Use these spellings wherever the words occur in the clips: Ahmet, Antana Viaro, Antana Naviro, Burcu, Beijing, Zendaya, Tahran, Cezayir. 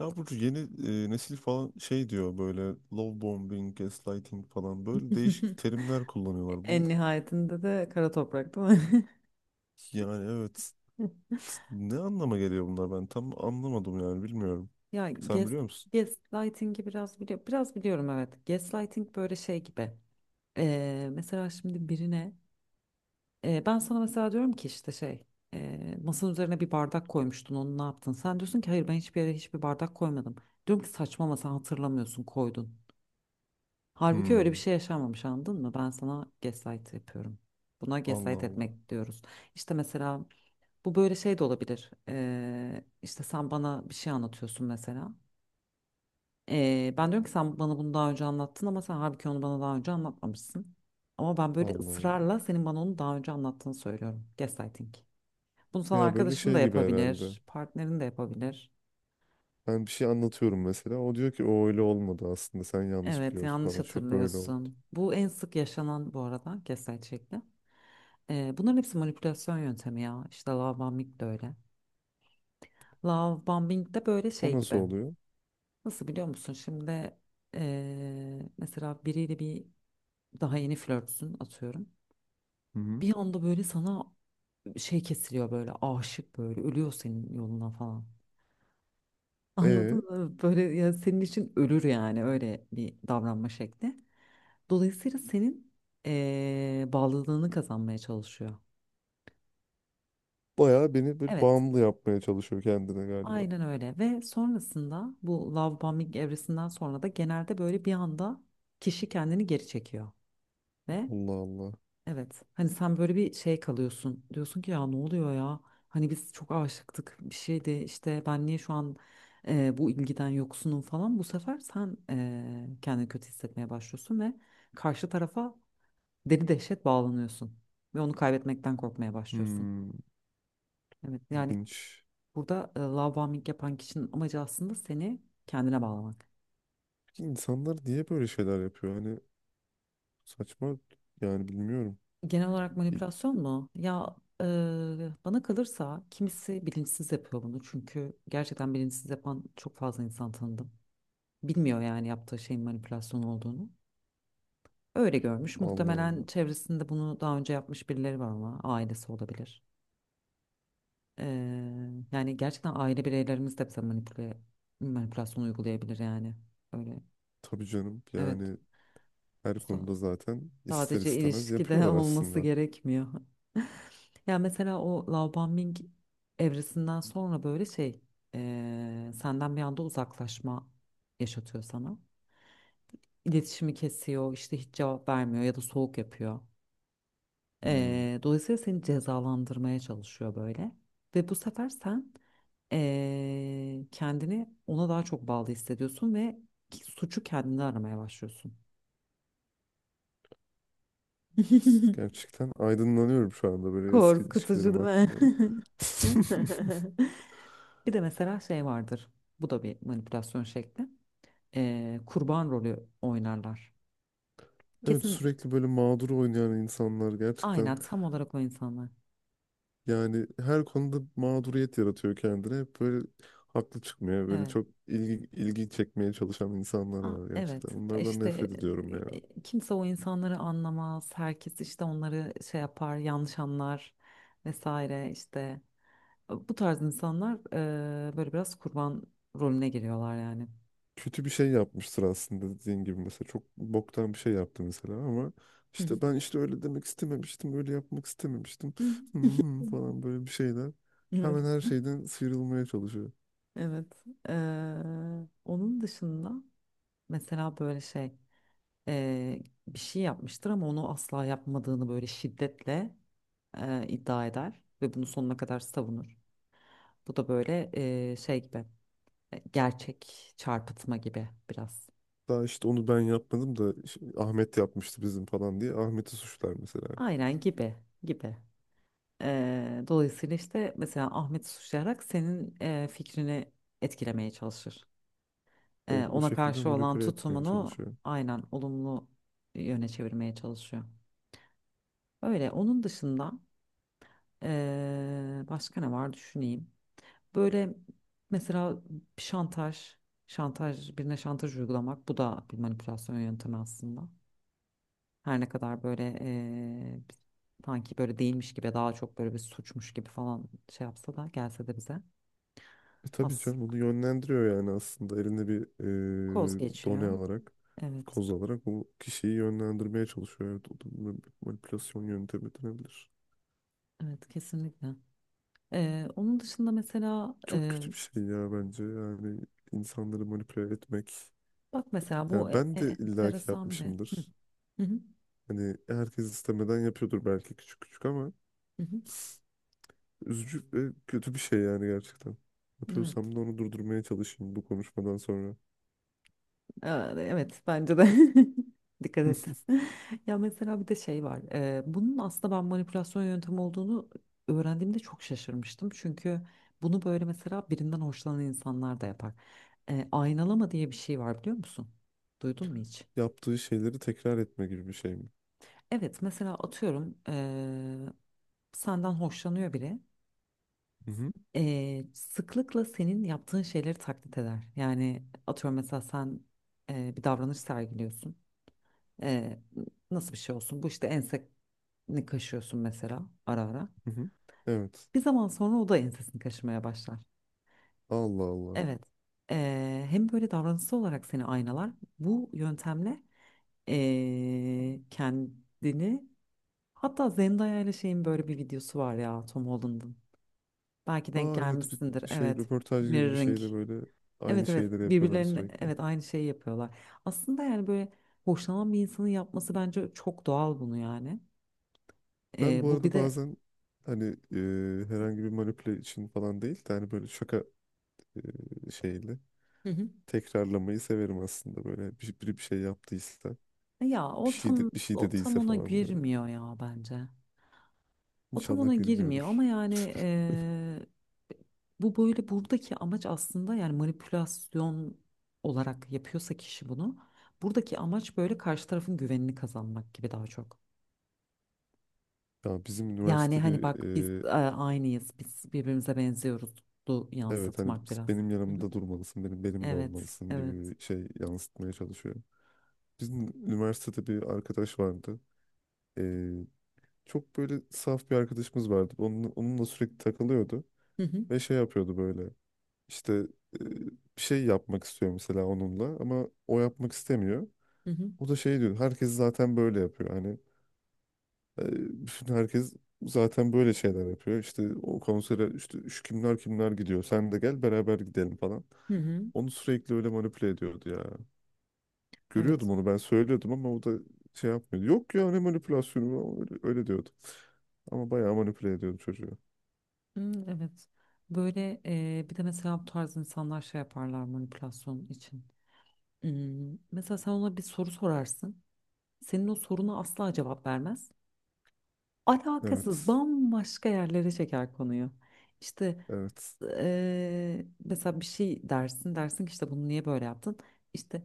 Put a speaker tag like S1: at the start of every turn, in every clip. S1: Ya Burcu yeni nesil falan şey diyor böyle love bombing, gaslighting falan böyle değişik terimler kullanıyorlar. Bu
S2: En nihayetinde de kara toprak değil mi?
S1: yani evet, ne anlama geliyor bunlar, ben tam anlamadım yani bilmiyorum.
S2: Ya
S1: Sen
S2: gas,
S1: biliyor musun?
S2: Gaslighting'i biraz biliyorum. Biraz biliyorum, evet. Gaslighting böyle şey gibi. Mesela şimdi birine ben sana mesela diyorum ki işte şey, masanın üzerine bir bardak koymuştun, onu ne yaptın? Sen diyorsun ki hayır, ben hiçbir yere hiçbir bardak koymadım. Diyorum ki saçma, ama sen hatırlamıyorsun, koydun. Halbuki öyle bir
S1: Hmm.
S2: şey yaşanmamış, anladın mı? Ben sana gaslight yapıyorum. Buna
S1: Allah
S2: gaslight
S1: Allah.
S2: etmek diyoruz. İşte mesela bu böyle şey de olabilir. İşte sen bana bir şey anlatıyorsun mesela. Ben diyorum ki sen bana bunu daha önce anlattın, ama sen halbuki onu bana daha önce anlatmamışsın. Ama ben böyle
S1: Allah Allah.
S2: ısrarla senin bana onu daha önce anlattığını söylüyorum. Gaslighting. Bunu sana
S1: Ya böyle
S2: arkadaşın da
S1: şey gibi herhalde.
S2: yapabilir, partnerin de yapabilir.
S1: Ben bir şey anlatıyorum mesela. O diyor ki o öyle olmadı aslında. Sen yanlış
S2: Evet,
S1: biliyorsun
S2: yanlış
S1: falan. Şu böyle oldu.
S2: hatırlıyorsun. Bu en sık yaşanan, bu arada, gaslight şekli. Bunların hepsi manipülasyon yöntemi ya. İşte love bombing de öyle. Love bombing de böyle
S1: O
S2: şey
S1: nasıl
S2: gibi.
S1: oluyor?
S2: Nasıl, biliyor musun? Şimdi mesela biriyle bir daha yeni flörtsün, atıyorum.
S1: Hı hı.
S2: Bir anda böyle sana şey kesiliyor, böyle aşık, böyle ölüyor senin yoluna falan. Anladın
S1: E
S2: mı? Böyle ya senin için ölür, yani öyle bir davranma şekli. Dolayısıyla senin bağlılığını kazanmaya çalışıyor.
S1: Bayağı beni bir
S2: Evet,
S1: bağımlı yapmaya çalışıyor kendine galiba.
S2: aynen öyle. Ve sonrasında bu love bombing evresinden sonra da genelde böyle bir anda kişi kendini geri çekiyor ve
S1: Allah Allah.
S2: evet. Hani sen böyle bir şey kalıyorsun. Diyorsun ki ya ne oluyor ya? Hani biz çok aşıktık, bir şeydi işte, ben niye şu an bu ilgiden yoksunum falan. Bu sefer sen kendini kötü hissetmeye başlıyorsun ve karşı tarafa deli dehşet bağlanıyorsun. Ve onu kaybetmekten korkmaya başlıyorsun.
S1: Hmm.
S2: Evet, yani
S1: İlginç.
S2: burada love bombing yapan kişinin amacı aslında seni kendine bağlamak.
S1: Peki insanlar niye böyle şeyler yapıyor? Hani saçma, yani bilmiyorum.
S2: Genel olarak
S1: İ-
S2: manipülasyon mu? Ya, e, bana kalırsa kimisi bilinçsiz yapıyor bunu. Çünkü gerçekten bilinçsiz yapan çok fazla insan tanıdım. Bilmiyor yani yaptığı şeyin manipülasyon olduğunu. Öyle görmüş.
S1: Allah
S2: Muhtemelen
S1: Allah.
S2: çevresinde bunu daha önce yapmış birileri var, ama ailesi olabilir. E, Yani gerçekten aile bireylerimiz de bize manipülasyon uygulayabilir yani. Öyle.
S1: Tabii canım,
S2: Evet.
S1: yani
S2: Bu
S1: her
S2: sa-
S1: konuda zaten ister
S2: Sadece
S1: istemez
S2: ilişkide
S1: yapıyorlar
S2: olması
S1: aslında.
S2: gerekmiyor. Ya mesela o Laobanming evresinden sonra böyle şey, senden bir anda uzaklaşma yaşatıyor sana. İletişimi kesiyor, işte hiç cevap vermiyor ya da soğuk yapıyor.
S1: Hmm.
S2: Dolayısıyla seni cezalandırmaya çalışıyor böyle. Ve bu sefer sen kendini ona daha çok bağlı hissediyorsun ve suçu kendine aramaya başlıyorsun.
S1: Gerçekten aydınlanıyorum şu anda böyle eski
S2: Korkutucu
S1: ilişkilerim
S2: değil mi?
S1: hakkında.
S2: Bir de mesela şey vardır. Bu da bir manipülasyon şekli. Kurban rolü oynarlar.
S1: Evet,
S2: Kesin,
S1: sürekli böyle mağdur oynayan insanlar gerçekten.
S2: aynen, tam olarak o insanlar.
S1: Yani her konuda mağduriyet yaratıyor kendine. Hep böyle haklı çıkmıyor. Böyle
S2: Evet.
S1: çok ilgi çekmeye çalışan insanlar var gerçekten.
S2: Evet.
S1: Onlardan
S2: İşte
S1: nefret ediyorum ya.
S2: kimse o insanları anlamaz. Herkes işte onları şey yapar, yanlış anlar vesaire işte. Bu tarz insanlar böyle biraz kurban rolüne giriyorlar yani.
S1: Kötü bir şey yapmıştır aslında dediğin gibi mesela. Çok boktan bir şey yaptı mesela ama
S2: Hı hı.
S1: ben işte öyle demek istememiştim. Öyle yapmak istememiştim. Hmm, falan böyle bir şeyler.
S2: Hı hı. Evet.
S1: Hemen her şeyden sıyrılmaya çalışıyor.
S2: Evet. Onun dışında mesela böyle şey, eee, bir şey yapmıştır ama onu asla yapmadığını böyle şiddetle iddia eder ve bunu sonuna kadar savunur. Bu da böyle şey gibi, gerçek çarpıtma gibi biraz.
S1: Daha işte onu ben yapmadım da işte Ahmet yapmıştı bizim falan diye. Ahmet'i suçlar mesela.
S2: Aynen, gibi gibi. Dolayısıyla işte mesela Ahmet suçlayarak senin fikrini etkilemeye çalışır.
S1: Evet, o
S2: Ona
S1: şekilde
S2: karşı olan
S1: manipüle etmeye
S2: tutumunu
S1: çalışıyor.
S2: aynen olumlu yöne çevirmeye çalışıyor. Öyle. Onun dışında başka ne var, düşüneyim. Böyle mesela şantaj, birine şantaj uygulamak, bu da bir manipülasyon yöntemi aslında. Her ne kadar böyle sanki böyle değilmiş gibi, daha çok böyle bir suçmuş gibi falan şey yapsa da, gelse de bize
S1: E tabii
S2: az
S1: canım, bunu yönlendiriyor yani, aslında eline bir
S2: koz
S1: done
S2: geçiyor.
S1: alarak,
S2: Evet,
S1: koz alarak bu kişiyi yönlendirmeye çalışıyor. Evet, o da manipülasyon yöntemi denebilir.
S2: evet kesinlikle. Onun dışında mesela
S1: Çok kötü bir şey ya bence, yani insanları manipüle etmek.
S2: bak mesela bu
S1: Yani ben de illaki
S2: enteresan bir. Hı,
S1: yapmışımdır.
S2: hı, hı,
S1: Hani herkes istemeden yapıyordur belki küçük küçük, ama
S2: hı, hı.
S1: üzücü ve kötü bir şey yani gerçekten.
S2: Hı. Evet.
S1: Yapıyorsam da onu durdurmaya çalışayım bu konuşmadan sonra.
S2: Aa, evet bence de. Dikkat et. Ya mesela bir de şey var. Bunun aslında ben manipülasyon yöntemi olduğunu öğrendiğimde çok şaşırmıştım. Çünkü bunu böyle mesela birinden hoşlanan insanlar da yapar. Aynalama diye bir şey var, biliyor musun? Duydun mu hiç?
S1: Yaptığı şeyleri tekrar etme gibi bir şey mi?
S2: Evet, mesela atıyorum, senden hoşlanıyor biri.
S1: Mhm.
S2: Sıklıkla senin yaptığın şeyleri taklit eder. Yani atıyorum, mesela sen bir davranış sergiliyorsun. Ee, Nasıl bir şey olsun? Bu, işte enseni kaşıyorsun mesela ara ara.
S1: Hı hı. Evet.
S2: Bir zaman sonra o da ensesini kaşımaya başlar.
S1: Allah Allah.
S2: Evet. Hem böyle davranışsal olarak seni aynalar. Bu yöntemle kendini, hatta Zendaya ile şeyin böyle bir videosu var ya, Tom Holland'ın. Belki denk
S1: Aa evet,
S2: gelmişsindir.
S1: bir şey
S2: Evet.
S1: röportaj gibi bir
S2: Mirroring.
S1: şey de böyle aynı
S2: Evet evet,
S1: şeyleri yapıyorlar
S2: birbirlerine,
S1: sürekli.
S2: evet, aynı şeyi yapıyorlar. Aslında yani böyle hoşlanan bir insanın yapması bence çok doğal bunu yani.
S1: Ben bu
S2: Bu bir
S1: arada
S2: de
S1: bazen hani herhangi bir manipüle için falan değil de hani böyle şaka şeyli
S2: hı hı.
S1: tekrarlamayı severim aslında, böyle biri bir şey yaptıysa, bir şey
S2: O tam
S1: dediyse
S2: ona
S1: falan böyle.
S2: girmiyor ya bence. O tam
S1: İnşallah
S2: ona girmiyor ama
S1: gülmüyordur.
S2: yani böyle buradaki amaç aslında yani manipülasyon olarak yapıyorsa kişi bunu, buradaki amaç böyle karşı tarafın güvenini kazanmak gibi daha çok.
S1: Ya bizim
S2: Yani
S1: üniversite
S2: hani
S1: bir
S2: bak biz
S1: e,
S2: aynıyız, biz birbirimize benziyoruz, du
S1: evet, hani
S2: yansıtmak biraz.
S1: benim
S2: Hı hı.
S1: yanımda durmalısın, benim benimle
S2: Evet
S1: olmalısın
S2: evet.
S1: gibi bir şey yansıtmaya çalışıyor. Bizim üniversitede bir arkadaş vardı. Ee, Çok böyle saf bir arkadaşımız vardı. Onunla sürekli takılıyordu.
S2: Hı hı.
S1: Ve şey yapıyordu böyle. İşte e, bir şey yapmak istiyor mesela onunla. Ama o yapmak istemiyor.
S2: Hı hı.
S1: O da şey diyor. Herkes zaten böyle yapıyor. Hani e, bütün herkes zaten böyle şeyler yapıyor. İşte o konsere işte şu kimler kimler gidiyor. Sen de gel beraber gidelim falan.
S2: Hı hı.
S1: Onu sürekli öyle manipüle ediyordu ya.
S2: Evet.
S1: Görüyordum, onu ben söylüyordum ama o da şey yapmıyordu. Yok ya, ne manipülasyonu, öyle diyordu. Ama bayağı manipüle ediyordu çocuğu.
S2: Hmm, evet. Böyle bir de mesela bu tarz insanlar şey yaparlar manipülasyon için. Hmm, mesela sen ona bir soru sorarsın. Senin o soruna asla cevap vermez. Alakasız
S1: Evet.
S2: bambaşka yerlere çeker konuyu. İşte
S1: Evet.
S2: mesela bir şey dersin, dersin ki işte bunu niye böyle yaptın? İşte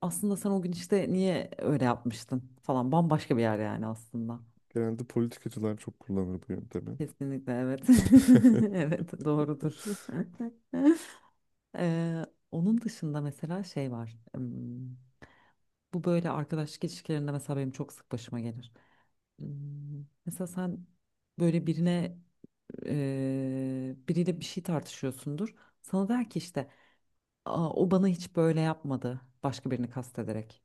S2: aslında sen o gün işte niye öyle yapmıştın falan, bambaşka bir yer yani aslında.
S1: Genelde politikacılar çok kullanır bu yöntemi.
S2: Kesinlikle evet. Evet doğrudur. Ee, Onun dışında mesela şey var. Bu böyle arkadaşlık ilişkilerinde mesela benim çok sık başıma gelir. Mesela sen böyle birine biriyle bir şey tartışıyorsundur. Sana der ki işte, "Aa, o bana hiç böyle yapmadı." Başka birini kastederek.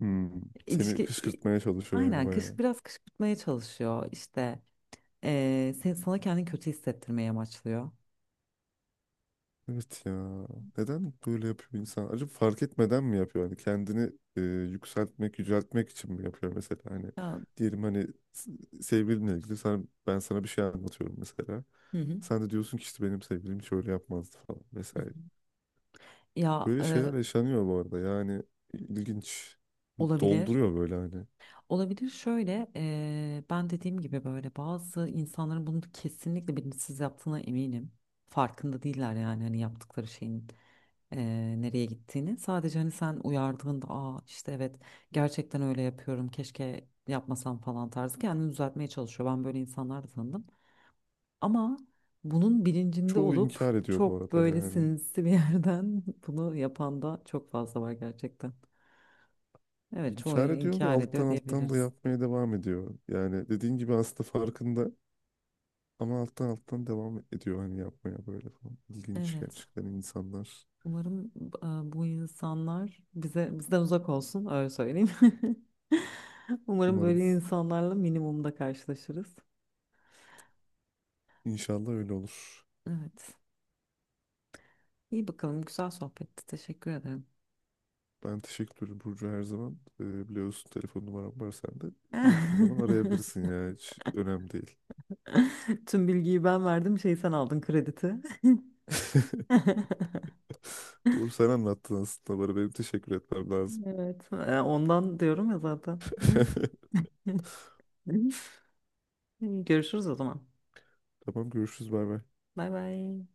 S1: Hmm. Seni
S2: İlişki i-
S1: kışkırtmaya çalışıyor yani
S2: aynen, kış,
S1: bayağı.
S2: biraz kışkırtmaya çalışıyor. İşte sana kendini kötü hissettirmeye amaçlıyor.
S1: Evet ya. Neden böyle yapıyor insan? Acaba fark etmeden mi yapıyor? Hani kendini yükseltmek, yüceltmek için mi yapıyor mesela? Hani
S2: Ya,
S1: diyelim hani s- sevgilinle ilgili sana, ben sana bir şey anlatıyorum mesela.
S2: hı hı.
S1: Sen de diyorsun ki işte benim sevgilim şöyle yapmazdı falan
S2: Hı hı.
S1: vesaire.
S2: ya
S1: Böyle şeyler
S2: e,
S1: yaşanıyor bu arada, yani ilginç.
S2: Olabilir.
S1: Dolduruyor böyle hani.
S2: Olabilir şöyle. Ben dediğim gibi, böyle bazı insanların bunu kesinlikle bilinçsiz yaptığına eminim. Farkında değiller yani hani yaptıkları şeyin nereye gittiğini. Sadece hani sen uyardığında, aa işte evet gerçekten öyle yapıyorum, keşke yapmasam falan tarzı, kendini düzeltmeye çalışıyor. Ben böyle insanlar da tanıdım. Ama bunun bilincinde
S1: Çoğu
S2: olup
S1: inkar ediyor bu
S2: çok
S1: arada
S2: böyle
S1: yani.
S2: sinsi bir yerden bunu yapan da çok fazla var gerçekten. Evet, çoğu
S1: İnkar ediyor ve
S2: inkar
S1: alttan
S2: ediyor
S1: alttan da
S2: diyebiliriz.
S1: yapmaya devam ediyor. Yani dediğin gibi aslında farkında, ama alttan alttan devam ediyor hani yapmaya böyle falan. İlginç
S2: Evet.
S1: gerçekten insanlar.
S2: Umarım bu insanlar bize bizden uzak olsun, öyle söyleyeyim. Umarım böyle
S1: Umarım,
S2: insanlarla minimumda karşılaşırız.
S1: inşallah öyle olur.
S2: Evet. İyi bakalım. Güzel sohbetti. Teşekkür ederim.
S1: Ben teşekkür ederim Burcu, her zaman. Biliyorsun telefon numaram var sende. Dilediğin zaman arayabilirsin ya, hiç önemli değil.
S2: Tüm bilgiyi ben verdim. Şey, sen aldın krediti.
S1: Doğru, sen anlattın aslında bana. Benim teşekkür etmem lazım.
S2: Evet. Ondan diyorum ya zaten. Görüşürüz o zaman.
S1: Tamam, görüşürüz, bay bay.
S2: Bay bay.